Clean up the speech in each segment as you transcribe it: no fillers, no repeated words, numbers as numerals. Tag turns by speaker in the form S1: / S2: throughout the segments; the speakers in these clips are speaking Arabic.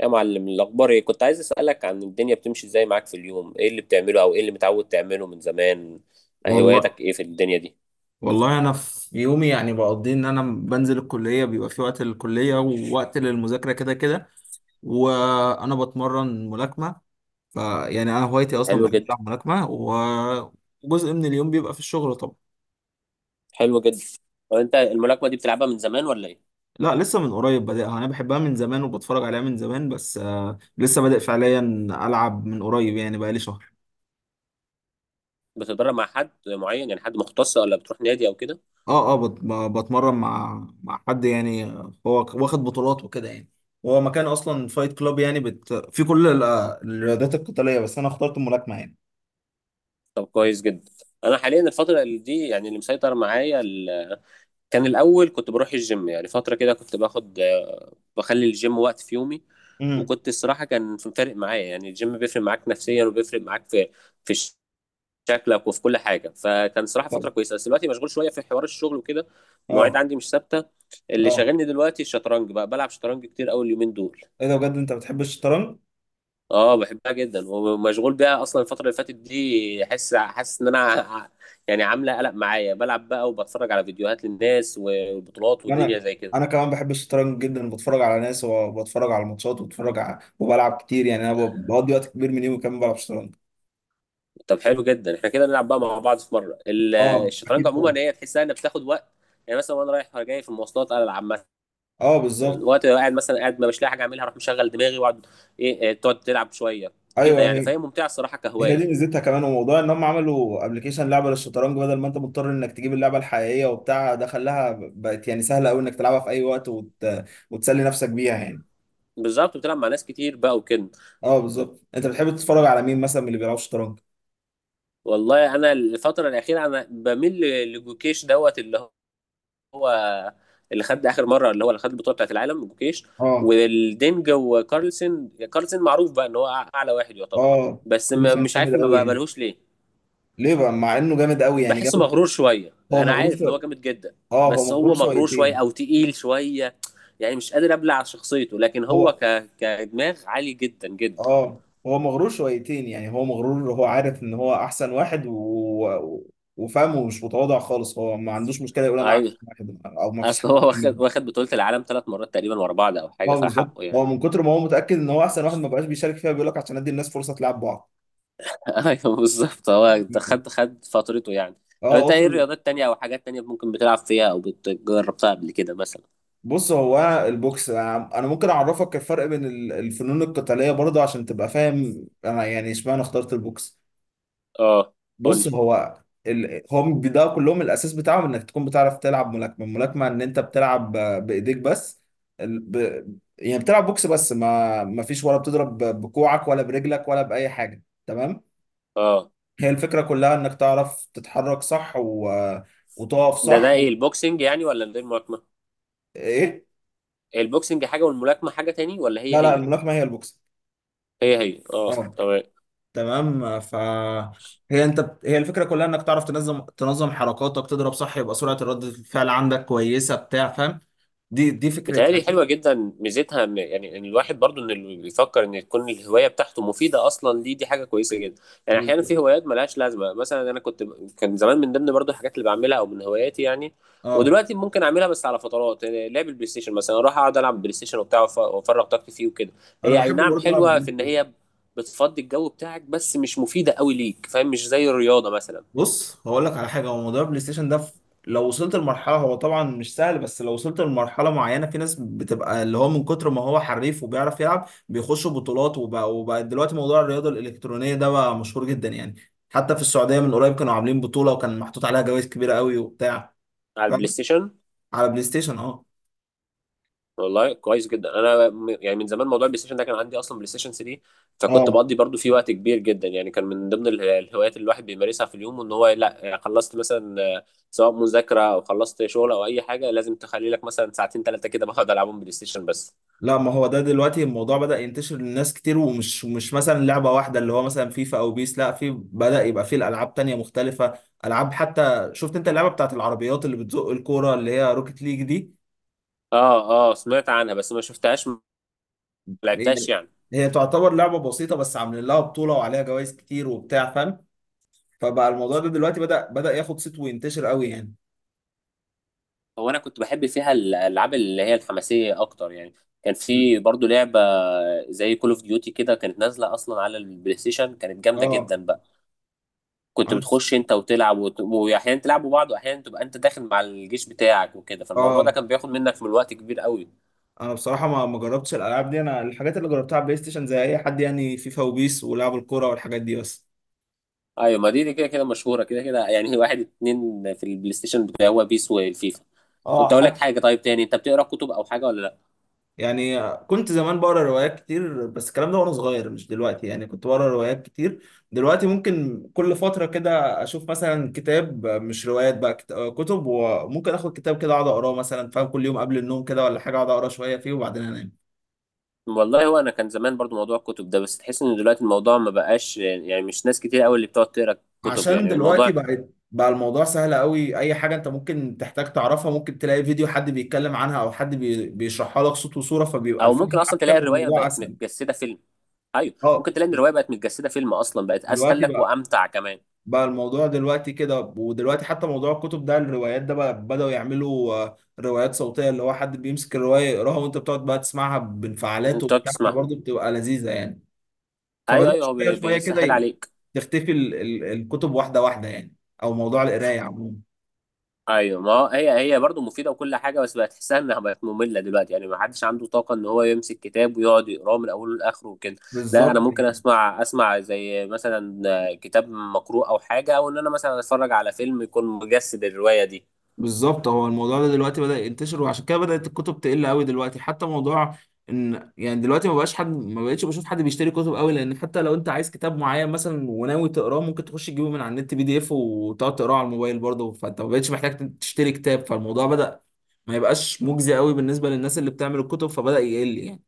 S1: يا معلم، الأخبار إيه؟ كنت عايز أسألك عن الدنيا بتمشي إزاي معاك في اليوم، إيه اللي بتعمله أو إيه اللي متعود تعمله من زمان،
S2: والله
S1: هواياتك إيه في الدنيا دي؟
S2: والله، انا في يومي يعني بقضي انا بنزل الكليه، بيبقى في وقت للكليه ووقت للمذاكره كده كده. وانا بتمرن ملاكمه، فيعني انا هوايتي اصلا
S1: حلو
S2: بحب
S1: جدا،
S2: العب ملاكمه وجزء من اليوم بيبقى في الشغل طبعا.
S1: حلو جدا. وأنت الملاكمة دي بتلعبها من زمان ولا إيه؟
S2: لا، لسه من قريب بادئها. انا بحبها من زمان وبتفرج عليها من زمان، بس لسه بادئ فعليا العب من قريب يعني بقالي شهر.
S1: بتتدرب مع حد معين يعني حد مختص ولا بتروح نادي أو كده؟
S2: اه اه، بتمرن مع حد يعني، هو واخد بطولات وكده يعني. هو مكان اصلا فايت كلاب يعني في كل الرياضات القتاليه، بس انا اخترت الملاكمه يعني.
S1: طب كويس جدا. أنا حاليا الفترة اللي دي يعني اللي مسيطر معايا كان الأول كنت بروح الجيم، يعني فترة كده كنت بخلي الجيم وقت في يومي،
S2: امم
S1: وكنت الصراحة كان فارق معايا، يعني الجيم بيفرق معاك نفسيا وبيفرق معاك في شكلك وفي كل حاجه، فكان صراحه
S2: طب.
S1: فتره كويسه، بس دلوقتي مشغول شويه في حوار الشغل وكده. المواعيد
S2: اه
S1: عندي مش ثابته. اللي
S2: اه،
S1: شاغلني دلوقتي الشطرنج، بقى بلعب شطرنج كتير قوي اليومين دول.
S2: ايه ده؟ بجد انت بتحب الشطرنج؟
S1: اه، بحبها جدا ومشغول بيها اصلا. الفتره اللي فاتت دي حاسس ان انا يعني عامله قلق معايا، بلعب بقى وبتفرج على فيديوهات للناس وبطولات والدنيا
S2: انا
S1: زي كده.
S2: انا كمان بحب الشطرنج جدا، بتفرج على ناس وبتفرج على الماتشات وبتفرج على وبلعب كتير يعني، انا بقضي وقت كبير من يومي كمان بلعب شطرنج.
S1: طب حلو جدا، احنا كده نلعب بقى مع بعض في مره
S2: اه
S1: الشطرنج
S2: اكيد طبعا.
S1: عموما هي تحسها انها بتاخد وقت. يعني مثلا وانا رايح جاي في المواصلات العب،
S2: اه بالظبط.
S1: مثلا وقت لو قاعد، مثلا قاعد ما مش لاقي حاجه اعملها اروح مشغل دماغي واقعد. إيه، تقعد تلعب شويه كده
S2: ايوه،
S1: يعني،
S2: هي
S1: فهي ممتعه الصراحه
S2: هي
S1: كهوايه.
S2: دي ميزتها كمان، وموضوع ان هم عملوا ابلكيشن لعبه للشطرنج بدل ما انت مضطر انك تجيب اللعبه الحقيقيه وبتاع، ده خلاها بقت يعني سهله قوي انك تلعبها في اي وقت وتسلي نفسك بيها يعني.
S1: بالظبط، بتلعب مع ناس كتير بقى وكده.
S2: اه بالظبط. انت بتحب تتفرج على مين مثلا من اللي بيلعبوا شطرنج؟
S1: والله انا الفتره الاخيره انا بميل لجوكيش دوت، اللي هو اللي خد اخر مره، اللي هو اللي خد البطوله بتاعت العالم، جوكيش.
S2: اه
S1: والدينج وكارلسن، كارلسن معروف بقى ان هو اعلى واحد يعتبر،
S2: اه،
S1: بس
S2: كل
S1: ما
S2: سنه
S1: مش عارف
S2: جامد
S1: ما
S2: قوي يعني.
S1: بقبلهوش ليه.
S2: ليه بقى مع انه جامد قوي يعني؟
S1: بحسه
S2: جامد.
S1: مغرور شويه،
S2: هو
S1: انا
S2: مغرور
S1: عارف ان هو
S2: شويه؟
S1: جامد جدا،
S2: اه هو
S1: بس
S2: مغرور
S1: هو مغرور شويه
S2: شويتين.
S1: او تقيل شويه، يعني مش قادر ابلع شخصيته، لكن هو
S2: هو،
S1: كدماغ عالي جدا جدا.
S2: اه هو مغرور شويتين يعني. هو مغرور، هو عارف ان هو احسن واحد و... وفاهم ومش متواضع خالص، هو ما عندوش مشكله يقول انا احسن
S1: ايوه،
S2: واحد او ما فيش
S1: اصل
S2: حد
S1: هو
S2: احسن
S1: واخد
S2: مني.
S1: واخد بطولة العالم 3 مرات تقريبا ورا بعض او حاجة،
S2: اه بالظبط،
S1: فحقه يعني.
S2: هو من كتر ما هو متاكد ان هو احسن واحد ما بقاش بيشارك فيها، بيقول لك عشان ادي الناس فرصه تلعب بعض.
S1: ايوه بالظبط، هو ده خد فترته يعني. طب
S2: اه،
S1: انت ايه
S2: وصل.
S1: رياضات تانية او حاجات تانية ممكن بتلعب فيها او بتجربتها قبل كده مثلا؟
S2: بص هو البوكس، انا ممكن اعرفك الفرق بين الفنون القتاليه برضه عشان تبقى فاهم انا يعني اشمعنى اخترت البوكس.
S1: اه، قول
S2: بص
S1: لي.
S2: هو هم ده كلهم الاساس بتاعهم انك تكون بتعرف تلعب ملاكمه. الملاكمه ان انت بتلعب بايديك بس، ال... ب... يعني بتلعب بوكس بس ما فيش، ولا بتضرب بكوعك ولا برجلك ولا باي حاجه، تمام؟
S1: اه،
S2: هي الفكره كلها انك تعرف تتحرك صح وتقف
S1: ده
S2: صح
S1: ايه، البوكسنج يعني ولا ده الملاكمة؟
S2: ايه.
S1: البوكسنج حاجة والملاكمة حاجة تاني، ولا هي
S2: لا، لا،
S1: هي؟
S2: الملاكمه هي البوكس.
S1: هي هي، اه.
S2: اه.
S1: تمام.
S2: تمام، هي انت هي الفكره كلها انك تعرف تنظم حركاتك، تضرب صح، يبقى سرعه ردة الفعل عندك كويسه بتاع فاهم؟ دي فكرتها.
S1: بتهيألي حلوة جدا، ميزتها ان يعني إن الواحد برضو ان اللي بيفكر ان تكون الهواية بتاعته مفيدة اصلا ليه، دي حاجة كويسة جدا. يعني احيانا
S2: بالظبط.
S1: في هوايات ملهاش لازمة. مثلا انا كان زمان من ضمن برضو الحاجات اللي بعملها او من هواياتي يعني،
S2: اه
S1: ودلوقتي ممكن اعملها بس على فترات، يعني لعب البلاي ستيشن مثلا. اروح اقعد العب بلاي ستيشن وبتاع، وافرغ طاقتي فيه وكده.
S2: انا
S1: هي اي
S2: بحب
S1: نعم
S2: برضه العب
S1: حلوة
S2: بلاي
S1: في ان
S2: ستيشن.
S1: هي بتفضي الجو بتاعك، بس مش مفيدة قوي ليك، فاهم، مش زي الرياضة مثلا.
S2: بص هقول لك على حاجه، هو موضوع البلاي ستيشن ده لو وصلت لمرحله، هو طبعا مش سهل، بس لو وصلت لمرحله معينه، في ناس بتبقى اللي هو من كتر ما هو حريف وبيعرف يلعب بيخشوا بطولات، وبقى دلوقتي موضوع الرياضه الالكترونيه ده بقى مشهور جدا يعني. حتى في السعوديه من قريب كانوا عاملين بطوله، وكان محطوط عليها جوائز كبيره قوي وبتاع،
S1: على
S2: فاهم؟
S1: البلاي ستيشن.
S2: على بلاي ستيشن، اه
S1: والله كويس جدا، انا يعني من زمان موضوع البلاي ستيشن ده كان عندي، اصلا بلاي ستيشن 3، فكنت
S2: اه.
S1: بقضي برضو فيه وقت كبير جدا. يعني كان من ضمن الهوايات اللي الواحد بيمارسها في اليوم، ان هو لا خلصت مثلا سواء مذاكره او خلصت شغل او اي حاجه، لازم تخلي لك مثلا ساعتين ثلاثه كده بقعد العبهم بلاي ستيشن بس.
S2: لا، ما هو ده دلوقتي الموضوع بدأ ينتشر للناس كتير، ومش مش مثلا لعبة واحدة اللي هو مثلا فيفا او بيس، لا، في بدأ يبقى فيه الألعاب تانية مختلفة. ألعاب، حتى شفت انت اللعبة بتاعت العربيات اللي بتزق الكورة اللي هي روكيت ليج دي؟
S1: اه اه، سمعت عنها بس ما شفتهاش، ما
S2: هي،
S1: لعبتهاش يعني.
S2: هي تعتبر لعبة بسيطة بس عاملين لها بطولة وعليها جوائز كتير وبتاع، فاهم؟ فبقى الموضوع ده دلوقتي بدأ ياخد صيت وينتشر قوي يعني.
S1: هو انا كنت بحب فيها الالعاب اللي هي الحماسيه اكتر يعني. كان في برضو لعبه زي كول اوف ديوتي كده، كانت نازله اصلا على البلاي ستيشن، كانت جامده
S2: اه،
S1: جدا بقى. كنت
S2: انا
S1: بتخش انت وتلعب واحيانا تلعبوا بعض، واحيانا تبقى انت داخل مع الجيش بتاعك وكده، فالموضوع ده
S2: اه
S1: كان بياخد منك من الوقت كبير قوي.
S2: بصراحه ما جربتش الالعاب دي، انا الحاجات اللي جربتها على بلاي ستيشن زي اي حد يعني، فيفا وبيس ولعب الكوره والحاجات دي بس.
S1: ايوه، ما دي دي كده كده مشهوره كده كده يعني. واحد اتنين في البلاي ستيشن بتاع هو بيس والفيفا.
S2: اه
S1: كنت اقول لك
S2: حتى.
S1: حاجه، طيب تاني، انت بتقرا كتب او حاجه ولا لا؟
S2: يعني كنت زمان بقرا روايات كتير، بس الكلام ده وانا صغير مش دلوقتي يعني، كنت بقرا روايات كتير. دلوقتي ممكن كل فترة كده اشوف مثلا كتاب، مش روايات بقى، كتب، وممكن اخد كتاب كده اقعد اقراه مثلا، فاهم؟ كل يوم قبل النوم كده ولا حاجة اقعد اقرا شوية فيه وبعدين انام.
S1: والله هو انا كان زمان برضو موضوع الكتب ده، بس تحس ان دلوقتي الموضوع ما بقاش، يعني مش ناس كتير قوي اللي بتقعد تقرا كتب
S2: عشان
S1: يعني،
S2: دلوقتي
S1: الموضوع،
S2: بقى الموضوع سهل قوي، اي حاجة انت ممكن تحتاج تعرفها ممكن تلاقي فيديو حد بيتكلم عنها او حد بيشرحها لك صوت وصورة، فبيبقى
S1: او
S2: الفيلم
S1: ممكن اصلا تلاقي
S2: احسن
S1: الروايه
S2: والموضوع
S1: بقت
S2: اسهل.
S1: متجسده فيلم. ايوه،
S2: اه،
S1: ممكن تلاقي ان الروايه بقت متجسده فيلم اصلا، بقت اسهل
S2: دلوقتي
S1: لك
S2: بقى،
S1: وامتع كمان.
S2: بقى الموضوع دلوقتي كده. ودلوقتي حتى موضوع الكتب ده الروايات ده، بقى بدأوا يعملوا روايات صوتية، اللي هو حد بيمسك الرواية يقراها وانت بتقعد بقى تسمعها بانفعالات
S1: انت تقعد
S2: وبتاع،
S1: تسمعها.
S2: فبرضه بتبقى لذيذة يعني.
S1: ايوه
S2: فبدأت
S1: ايوه، هو
S2: شوية شوية كده
S1: بيسهل عليك.
S2: تختفي الكتب واحدة واحدة يعني، او موضوع القراية عموما.
S1: ايوه، ما هو هي هي برضه مفيده وكل حاجه، بس بقت تحسها انها بقت ممله دلوقتي. يعني ما حدش عنده طاقه ان هو يمسك كتاب ويقعد يقراه من اوله لاخره وكده. لا،
S2: بالظبط.
S1: انا ممكن اسمع زي مثلا كتاب مقروء او حاجه، او ان انا مثلا اتفرج على فيلم يكون مجسد الروايه دي.
S2: بالظبط، هو الموضوع ده دلوقتي بدأ ينتشر وعشان كده بدأت الكتب تقل قوي دلوقتي حتى موضوع ان يعني دلوقتي ما بقاش حد ما بقتش بشوف حد بيشتري كتب قوي لان حتى لو انت، عايز كتاب معين مثلا وناوي تقراه ممكن تخش تجيبه من على النت بي دي اف وتقعد تقراه على الموبايل برضه فانت ما بقتش محتاج تشتري كتاب فالموضوع بدأ ما يبقاش مجزي قوي بالنسبة للناس اللي بتعمل الكتب فبدأ يقل يعني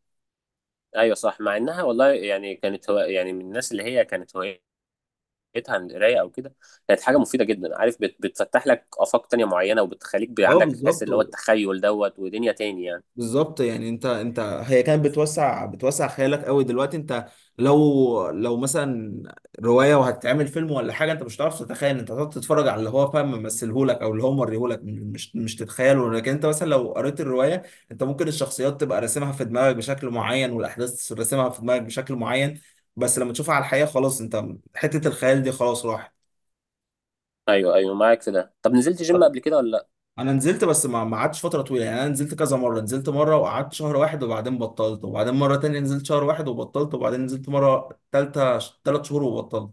S1: ايوه صح، مع انها والله يعني كانت، هو يعني من الناس اللي هي كانت هوايتها عن القرايه او كده، كانت حاجه مفيده جدا. عارف، بتفتح لك افاق تانية معينه، وبتخليك
S2: اه
S1: عندك حس
S2: بالظبط
S1: اللي هو التخيل دوت ودنيا تاني يعني.
S2: بالظبط يعني انت هي كانت بتوسع خيالك قوي. دلوقتي انت، لو مثلا روايه وهتتعمل فيلم ولا حاجه، انت مش هتعرف تتخيل، انت هتقعد تتفرج على اللي هو فاهم ممثلهولك او اللي هو موريهولك، مش تتخيله. لكن انت مثلا لو قريت الروايه، انت ممكن الشخصيات تبقى راسمها في دماغك بشكل معين والاحداث راسمها في دماغك بشكل معين، بس لما تشوفها على الحقيقه خلاص انت، حته الخيال دي خلاص راحت.
S1: ايوه ايوه، معاك في ده. طب نزلت جيم قبل كده ولا لا؟
S2: انا نزلت، بس ما قعدتش فتره طويله يعني، انا نزلت كذا مره، نزلت مره وقعدت شهر واحد وبعدين بطلت، وبعدين مره تانية نزلت شهر واحد وبطلت، وبعدين نزلت مره تالتة 3 شهور وبطلت.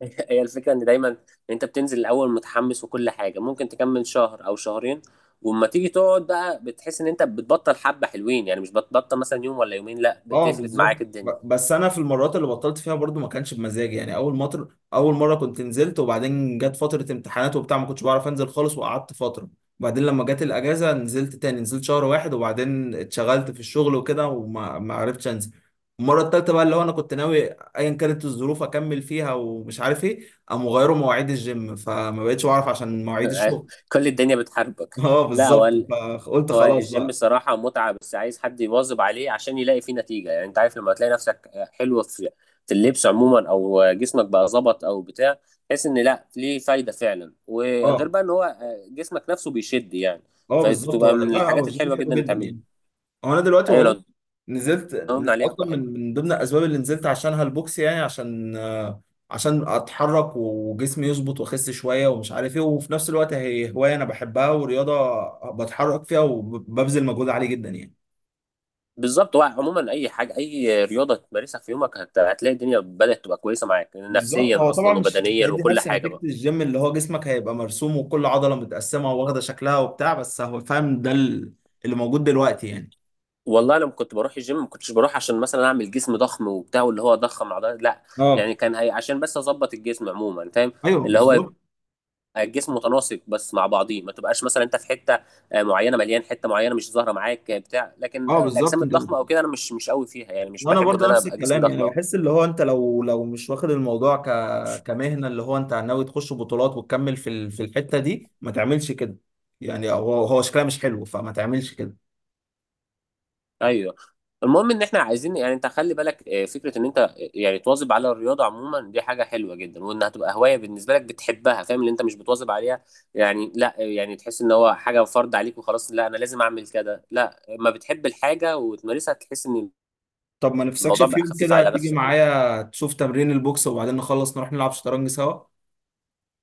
S1: هي الفكره ان دايما انت بتنزل الاول متحمس وكل حاجه، ممكن تكمل شهر او شهرين، واما تيجي تقعد بقى بتحس ان انت بتبطل حبه حلوين، يعني مش بتبطل مثلا يوم ولا يومين، لا
S2: اه
S1: بتفرد معاك
S2: بالظبط،
S1: الدنيا.
S2: بس انا في المرات اللي بطلت فيها برضو ما كانش بمزاجي يعني، اول مطر اول مره كنت نزلت وبعدين جت فتره امتحانات وبتاع ما كنتش بعرف انزل خالص وقعدت فتره، وبعدين لما جت الاجازه نزلت تاني، نزلت شهر واحد وبعدين اتشغلت في الشغل وكده وما ما عرفتش انزل. المره التالتة بقى اللي هو انا كنت ناوي ايا كانت الظروف اكمل فيها، ومش عارف ايه قاموا غيروا مواعيد الجيم فما بقتش بعرف عشان مواعيد الشغل.
S1: كل الدنيا بتحاربك.
S2: اه
S1: لا، هو
S2: بالظبط. فقلت
S1: هو
S2: خلاص
S1: الجيم
S2: بقى.
S1: صراحة متعة، بس عايز حد يواظب عليه عشان يلاقي فيه نتيجة. يعني انت عارف لما تلاقي نفسك حلو في اللبس عموما، او جسمك بقى ظبط او بتاع، تحس ان لا ليه فايدة فعلا، وغير
S2: اه
S1: بقى ان هو جسمك نفسه بيشد يعني.
S2: اه بالظبط،
S1: فبتبقى
S2: هو لا،
S1: من
S2: لا، هو
S1: الحاجات
S2: الجيم
S1: الحلوة
S2: حلو
S1: جدا اللي
S2: جدا
S1: تعملها.
S2: يعني. هو انا دلوقتي
S1: ايوه،
S2: والله
S1: لو
S2: نزلت
S1: داومنا عليها هتبقى
S2: اصلا
S1: حلوة.
S2: من ضمن الاسباب اللي نزلت عشانها البوكس، يعني عشان عشان اتحرك وجسمي يظبط واخس شويه ومش عارف ايه، وفي نفس الوقت هي هوايه انا بحبها ورياضه بتحرك فيها وببذل مجهود عالي جدا يعني.
S1: بالظبط، هو عموما اي حاجة اي رياضة تمارسها في يومك هتلاقي الدنيا بدأت تبقى كويسة معاك
S2: بالظبط. هو
S1: نفسيا
S2: طبعا
S1: اصلا
S2: مش
S1: وبدنيا
S2: هيدي
S1: وكل
S2: نفس
S1: حاجة
S2: نتيجه
S1: بقى.
S2: الجيم اللي هو جسمك هيبقى مرسوم وكل عضله متقسمه واخده شكلها وبتاع، بس هو فاهم ده اللي موجود دلوقتي يعني.
S1: والله لما كنت بروح الجيم ما كنتش بروح عشان مثلا اعمل جسم ضخم وبتاع، واللي هو ضخم عضلات، لا. يعني
S2: اه
S1: كان هي عشان بس اظبط الجسم عموما، فاهم،
S2: ايوه
S1: اللي هو يبقى
S2: بالظبط.
S1: الجسم متناسق بس مع بعضيه، ما تبقاش مثلا انت في حته معينه مليان، حته معينه مش ظاهره معاك بتاع، لكن
S2: اه بالظبط
S1: الاجسام
S2: انت،
S1: الضخمه او كده انا مش قوي فيها، يعني مش
S2: وانا
S1: بحب ان
S2: برضه
S1: انا
S2: نفس
S1: ابقى جسم
S2: الكلام
S1: ضخم
S2: يعني
S1: أوي.
S2: بحس اللي هو انت، لو مش واخد الموضوع كمهنه، اللي هو انت ناوي تخش بطولات وتكمل في في الحته دي، ما تعملش كده يعني. هو هو شكلها مش حلو فما تعملش كده.
S1: ايوه، المهم ان احنا عايزين يعني، انت خلي بالك فكره ان انت يعني تواظب على الرياضه عموما، دي حاجه حلوه جدا، وانها تبقى هوايه بالنسبه لك بتحبها، فاهم، اللي انت مش بتواظب عليها يعني، لا يعني تحس ان هو حاجه فرض عليك وخلاص، لا انا لازم اعمل كده، لا، ما بتحب الحاجه وتمارسها تحس ان
S2: طب ما نفسكش
S1: الموضوع
S2: في
S1: بقى
S2: يوم
S1: خفيف
S2: كده
S1: على
S2: تيجي
S1: نفسك يعني.
S2: معايا تشوف تمرين البوكس وبعدين نخلص نروح نلعب شطرنج سوا؟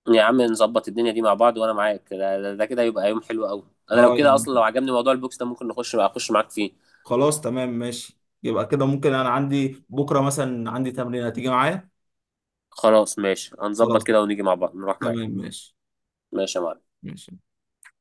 S1: يا عم نظبط الدنيا دي مع بعض، وانا معاك ده كده يبقى يوم حلو قوي. انا لو
S2: اه
S1: كده
S2: يعني،
S1: اصلا، لو عجبني موضوع البوكس ده، ممكن نخش بقى اخش معاك فيه.
S2: خلاص تمام ماشي. يبقى كده ممكن، انا عندي بكره مثلا عندي تمرين، هتيجي معايا؟
S1: خلاص ماشي، هنظبط
S2: خلاص
S1: كده ونيجي مع بعض نروح معاك.
S2: تمام ماشي.
S1: ماشي يا معلم.
S2: ماشي.